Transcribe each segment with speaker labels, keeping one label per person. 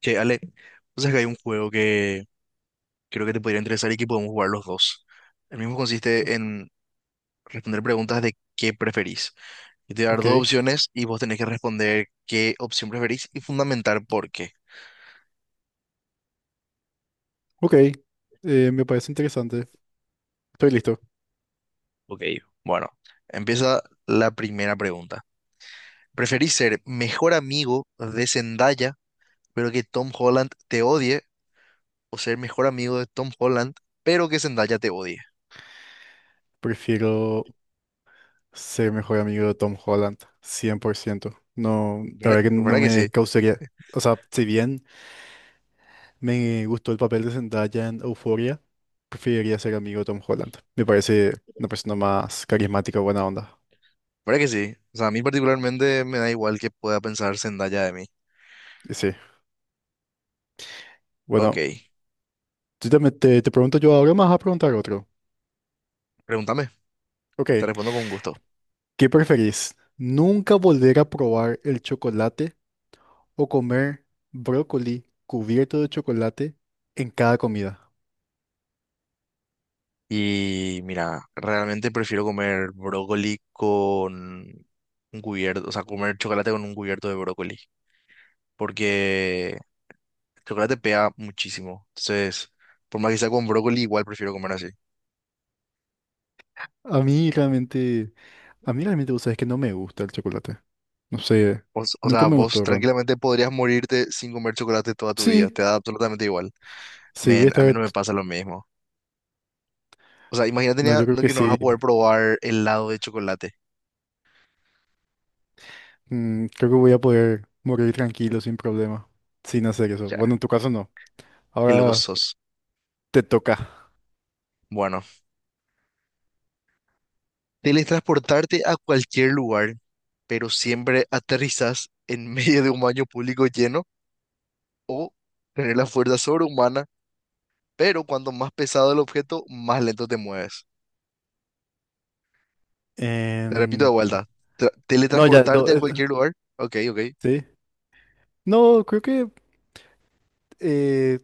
Speaker 1: Che, Ale, o que hay un juego que creo que te podría interesar y que podemos jugar los dos. El mismo consiste en responder preguntas de qué preferís. Yo te voy a dar
Speaker 2: Ok,
Speaker 1: dos opciones y vos tenés que responder qué opción preferís y fundamentar por qué.
Speaker 2: ok. Me parece interesante. Estoy listo.
Speaker 1: Ok, bueno, empieza la primera pregunta. ¿Preferís ser mejor amigo de Zendaya, pero que Tom Holland te odie, o ser mejor amigo de Tom Holland, pero que Zendaya te odie?
Speaker 2: Prefiero ser mejor amigo de Tom Holland, 100%. No, la
Speaker 1: ¿Verdad,
Speaker 2: verdad que no
Speaker 1: verdad que sí?
Speaker 2: me causaría... O sea, si bien me gustó el papel de Zendaya en Euphoria, preferiría ser amigo de Tom Holland. Me parece una persona más carismática, buena onda.
Speaker 1: ¿Verdad que sí? O sea, a mí particularmente me da igual que pueda pensar Zendaya de mí.
Speaker 2: Y sí.
Speaker 1: Ok,
Speaker 2: Bueno, yo también te pregunto yo ahora, me vas a preguntar otro.
Speaker 1: pregúntame,
Speaker 2: Ok,
Speaker 1: te respondo con gusto.
Speaker 2: ¿qué preferís? ¿Nunca volver a probar el chocolate o comer brócoli cubierto de chocolate en cada comida?
Speaker 1: Y mira, realmente prefiero comer brócoli con un cubierto, o sea, comer chocolate con un cubierto de brócoli, porque el chocolate pega muchísimo. Entonces, por más que sea con brócoli, igual prefiero comer así.
Speaker 2: A mí realmente, a mí realmente, vos sabés que no me gusta el chocolate. No sé,
Speaker 1: O sea,
Speaker 2: nunca me
Speaker 1: vos
Speaker 2: gustó, realmente.
Speaker 1: tranquilamente podrías morirte sin comer chocolate toda tu vida,
Speaker 2: Sí,
Speaker 1: te da absolutamente igual.
Speaker 2: sí, voy a
Speaker 1: Men, a mí
Speaker 2: estar,
Speaker 1: no me pasa lo mismo. O sea, imagínate
Speaker 2: no, yo creo que
Speaker 1: que no vas
Speaker 2: sí.
Speaker 1: a poder probar helado de chocolate.
Speaker 2: Mm, creo que voy a poder morir tranquilo sin problema, sin hacer eso. Bueno,
Speaker 1: Ya,
Speaker 2: en tu caso no.
Speaker 1: qué loco
Speaker 2: Ahora
Speaker 1: sos.
Speaker 2: te toca.
Speaker 1: Bueno, teletransportarte a cualquier lugar, pero siempre aterrizas en medio de un baño público lleno o tener la fuerza sobrehumana, pero cuanto más pesado el objeto, más lento te mueves. Te repito de
Speaker 2: Em,
Speaker 1: vuelta,
Speaker 2: no, ya, no,
Speaker 1: teletransportarte a cualquier lugar, ok, ok,
Speaker 2: sí. No, creo que eh,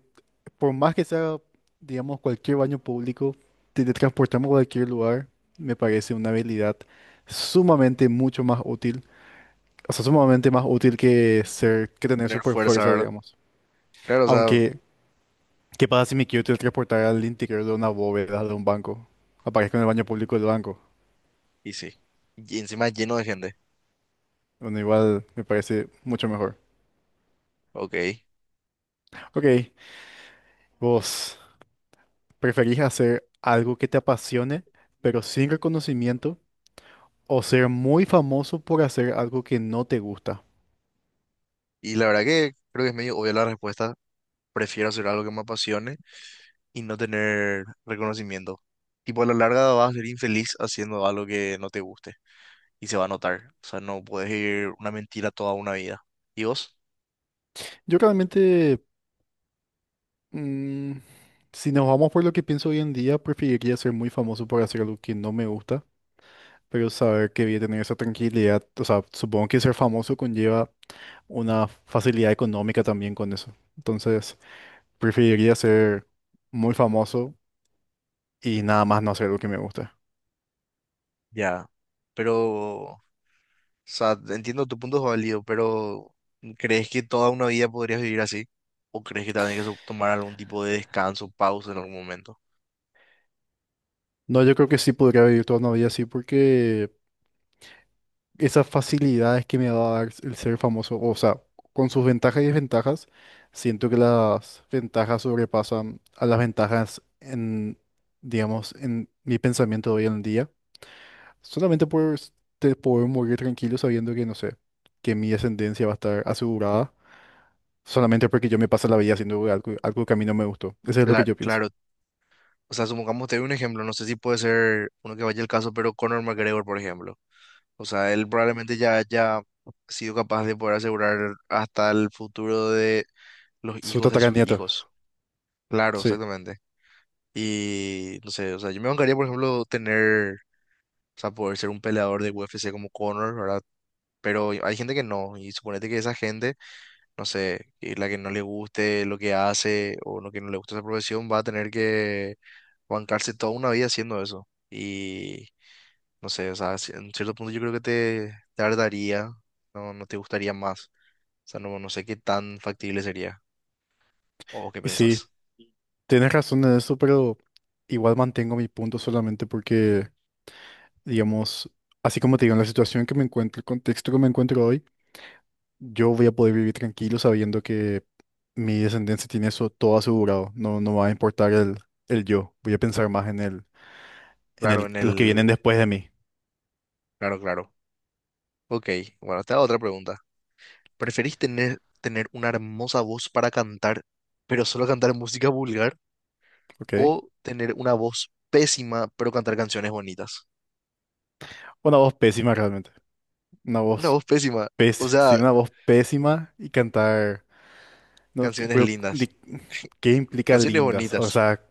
Speaker 2: por más que sea, digamos, cualquier baño público, teletransportarme a cualquier lugar, me parece una habilidad sumamente mucho más útil. O sea, sumamente más útil que ser, que tener
Speaker 1: tener
Speaker 2: super
Speaker 1: fuerza,
Speaker 2: fuerza,
Speaker 1: ¿verdad?
Speaker 2: digamos.
Speaker 1: Claro, o sea,
Speaker 2: Aunque, ¿qué pasa si me quiero teletransportar al interior de una bóveda de un banco? Aparezco en el baño público del banco.
Speaker 1: y sí. Y encima lleno de gente,
Speaker 2: Bueno, igual me parece mucho mejor.
Speaker 1: ok.
Speaker 2: Ok, ¿vos preferís hacer algo que te apasione, pero sin reconocimiento, o ser muy famoso por hacer algo que no te gusta?
Speaker 1: Y la verdad que creo que es medio obvia la respuesta. Prefiero hacer algo que me apasione y no tener reconocimiento. Tipo, a la larga vas a ser infeliz haciendo algo que no te guste y se va a notar. O sea, no puedes ir una mentira toda una vida. ¿Y vos?
Speaker 2: Yo realmente, mm, si nos vamos por lo que pienso hoy en día, preferiría ser muy famoso por hacer algo que no me gusta, pero saber que voy a tener esa tranquilidad, o sea, supongo que ser famoso conlleva una facilidad económica también con eso. Entonces, preferiría ser muy famoso y nada más no hacer lo que me gusta.
Speaker 1: Ya. Pero, o sea, entiendo tu punto es válido, pero ¿crees que toda una vida podrías vivir así? ¿O crees que también que tomar algún tipo de descanso, pausa en algún momento?
Speaker 2: No, yo creo que sí podría vivir toda una vida así porque esas facilidades que me va a dar el ser famoso, o sea, con sus ventajas y desventajas, siento que las ventajas sobrepasan a las ventajas en, digamos, en mi pensamiento de hoy en día. Solamente por te poder morir tranquilo sabiendo que, no sé, que mi descendencia va a estar asegurada, solamente porque yo me paso la vida haciendo algo, algo que a mí no me gustó. Eso es lo que yo pienso.
Speaker 1: Claro, o sea, supongamos te doy un ejemplo, no sé si puede ser uno que vaya el caso, pero Conor McGregor, por ejemplo. O sea, él probablemente ya haya sido capaz de poder asegurar hasta el futuro de los
Speaker 2: Su
Speaker 1: hijos de sus
Speaker 2: tataranieto,
Speaker 1: hijos. Claro,
Speaker 2: sí.
Speaker 1: exactamente. Y no sé, o sea, yo me bancaría, por ejemplo, tener, o sea, poder ser un peleador de UFC como Conor, ¿verdad? Pero hay gente que no, y suponete que esa gente, no sé, que la que no le guste lo que hace o lo que no le gusta esa profesión, va a tener que bancarse toda una vida haciendo eso. Y no sé, o sea, en cierto punto yo creo que te tardaría, no, no te gustaría más. O sea, no, no sé qué tan factible sería. ¿O qué
Speaker 2: Y
Speaker 1: pensás?
Speaker 2: sí, tienes razón en eso, pero igual mantengo mi punto solamente porque digamos, así como te digo, en la situación que me encuentro, el contexto que me encuentro hoy, yo voy a poder vivir tranquilo sabiendo que mi descendencia tiene eso todo asegurado. No, no va a importar el yo. Voy a pensar más en
Speaker 1: Claro,
Speaker 2: el,
Speaker 1: en
Speaker 2: los que vienen
Speaker 1: el...
Speaker 2: después de mí,
Speaker 1: Claro, claro. Ok, bueno, te hago otra pregunta. ¿Preferís tener una hermosa voz para cantar, pero solo cantar música vulgar?
Speaker 2: ¿ok?
Speaker 1: ¿O tener una voz pésima, pero cantar canciones bonitas?
Speaker 2: Una voz pésima realmente. Una
Speaker 1: Una
Speaker 2: voz
Speaker 1: voz pésima, o
Speaker 2: pésima, sí,
Speaker 1: sea,
Speaker 2: una voz pésima y cantar, no,
Speaker 1: canciones
Speaker 2: pero,
Speaker 1: lindas,
Speaker 2: ¿qué implica
Speaker 1: canciones
Speaker 2: lindas? O
Speaker 1: bonitas.
Speaker 2: sea,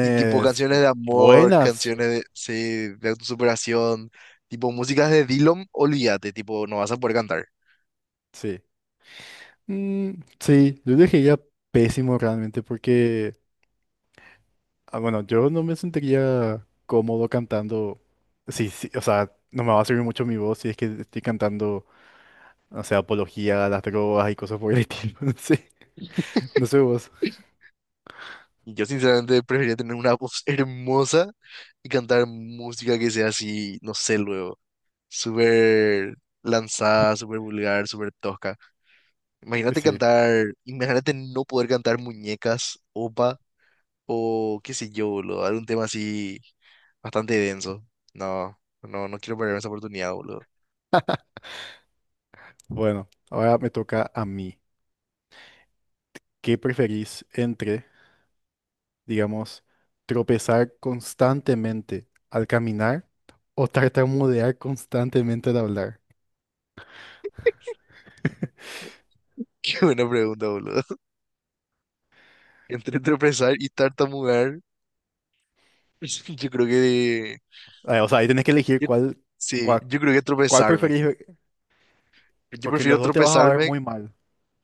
Speaker 1: Y tipo canciones de amor,
Speaker 2: buenas,
Speaker 1: canciones de, sí, de autosuperación, tipo músicas de Dillom, olvídate, tipo, no vas a poder cantar.
Speaker 2: sí. Mm, sí, yo elegiría pésimo realmente porque, ah, bueno, yo no me sentiría cómodo cantando. Sí, sí, o sea, no me va a servir mucho mi voz si es que estoy cantando, o sea, apología a las drogas y cosas por el estilo. No sé, no sé vos.
Speaker 1: Yo sinceramente preferiría tener una voz hermosa y cantar música que sea así, no sé, luego, súper lanzada, súper vulgar, súper tosca.
Speaker 2: Y
Speaker 1: Imagínate
Speaker 2: sí,
Speaker 1: cantar, imagínate no poder cantar muñecas, opa, o qué sé yo, boludo, algún tema así bastante denso. No, no, no quiero perder esa oportunidad, boludo.
Speaker 2: bueno, ahora me toca a mí. ¿Qué preferís entre, digamos, tropezar constantemente al caminar o tartamudear constantemente al hablar?
Speaker 1: Qué buena pregunta, boludo. Entre tropezar y tartamudear, yo creo que
Speaker 2: Ah, o sea, ahí tenés que elegir
Speaker 1: Yo-
Speaker 2: cuál.
Speaker 1: sí, yo creo que
Speaker 2: ¿Cuál
Speaker 1: tropezarme.
Speaker 2: preferís ver?
Speaker 1: Yo
Speaker 2: Porque en
Speaker 1: prefiero
Speaker 2: los dos te vas a ver
Speaker 1: tropezarme.
Speaker 2: muy mal.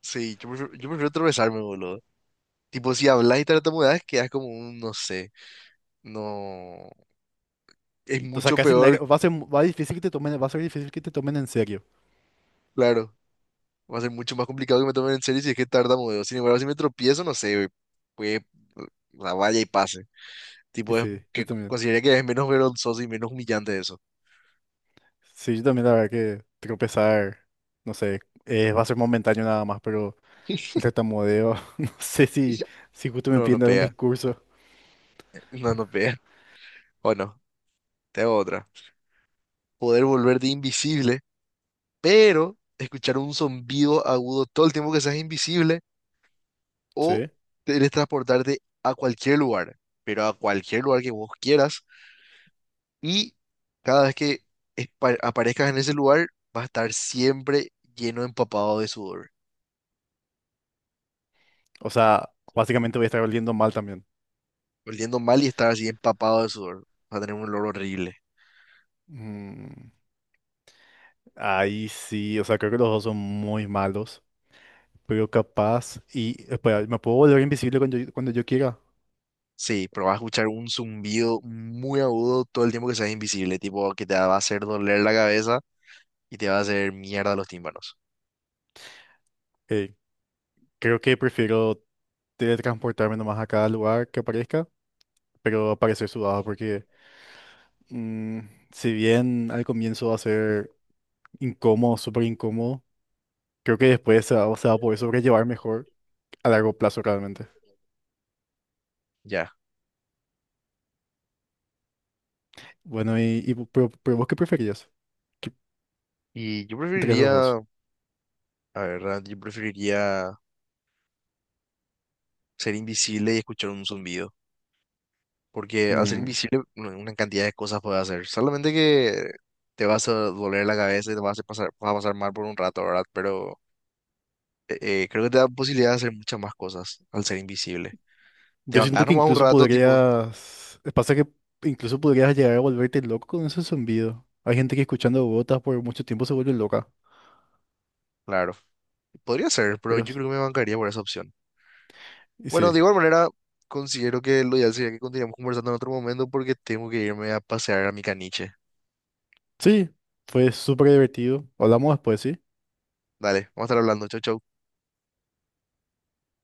Speaker 1: Sí, yo prefiero tropezarme, boludo. Tipo, si hablas y tartamudeas, quedas como un, no sé. No. Es
Speaker 2: O sea,
Speaker 1: mucho
Speaker 2: casi
Speaker 1: peor,
Speaker 2: nadie- va a ser, va a difícil que te tomen, va a ser difícil que te tomen en serio.
Speaker 1: claro. Va a ser mucho más complicado que me tomen en serio si es que tartamudeo. Sin embargo, si me tropiezo, no sé, pues la valla y pase.
Speaker 2: Y
Speaker 1: Tipo, es
Speaker 2: sí, yo
Speaker 1: que
Speaker 2: también.
Speaker 1: consideraría que es menos vergonzoso y menos humillante eso.
Speaker 2: Sí, yo también la verdad que tropezar, no sé, va a ser momentáneo nada más, pero el tartamudeo, no sé si, si justo me
Speaker 1: No,
Speaker 2: piden
Speaker 1: no
Speaker 2: dar un
Speaker 1: pega.
Speaker 2: discurso.
Speaker 1: No, no pega. Bueno, te hago otra. Poder volverte invisible pero escuchar un zumbido agudo todo el tiempo que seas invisible o
Speaker 2: Sí.
Speaker 1: teletransportarte a cualquier lugar, pero a cualquier lugar que vos quieras y cada vez que aparezcas en ese lugar vas a estar siempre lleno, empapado de sudor,
Speaker 2: O sea, básicamente voy a estar oliendo mal también.
Speaker 1: oliendo mal y estar así empapado de sudor, vas a tener un olor horrible.
Speaker 2: Mm, ahí sí, o sea, creo que los dos son muy malos, pero capaz. Y espera, ¿me puedo volver invisible cuando yo quiera?
Speaker 1: Sí, pero vas a escuchar un zumbido muy agudo todo el tiempo que seas invisible, tipo que te va a hacer doler la cabeza y te va a hacer mierda los tímpanos.
Speaker 2: Eh, Creo que prefiero teletransportarme nomás a cada lugar que aparezca, pero aparecer sudado porque mm, si bien al comienzo va a ser incómodo, súper incómodo, creo que después se va a poder sobrellevar mejor a largo plazo realmente.
Speaker 1: Ya.
Speaker 2: Bueno, y, pero vos qué preferías. ¿Qué-
Speaker 1: Y yo
Speaker 2: ¿Entre esos dos?
Speaker 1: preferiría la verdad yo preferiría ser invisible y escuchar un zumbido. Porque al ser
Speaker 2: Mm,
Speaker 1: invisible, una cantidad de cosas puedes hacer. Solamente que te vas a doler la cabeza y te vas a hacer pasar, vas a pasar mal por un rato, ¿verdad? Pero eh, creo que te da posibilidad de hacer muchas más cosas al ser invisible. Te
Speaker 2: yo
Speaker 1: bancas
Speaker 2: siento que
Speaker 1: nomás un
Speaker 2: incluso
Speaker 1: rato, tipo,
Speaker 2: podrías, pasa que incluso podrías llegar a volverte loco con ese zumbido. Hay gente que escuchando gotas por mucho tiempo se vuelve loca,
Speaker 1: claro. Podría ser, pero
Speaker 2: pero
Speaker 1: yo creo que me bancaría por esa opción.
Speaker 2: y
Speaker 1: Bueno,
Speaker 2: sí,
Speaker 1: de igual manera, considero que lo ideal sería que continuemos conversando en otro momento porque tengo que irme a pasear a mi caniche.
Speaker 2: sí, fue súper divertido. Hablamos después, ¿sí?
Speaker 1: Dale, vamos a estar hablando. Chau, chau.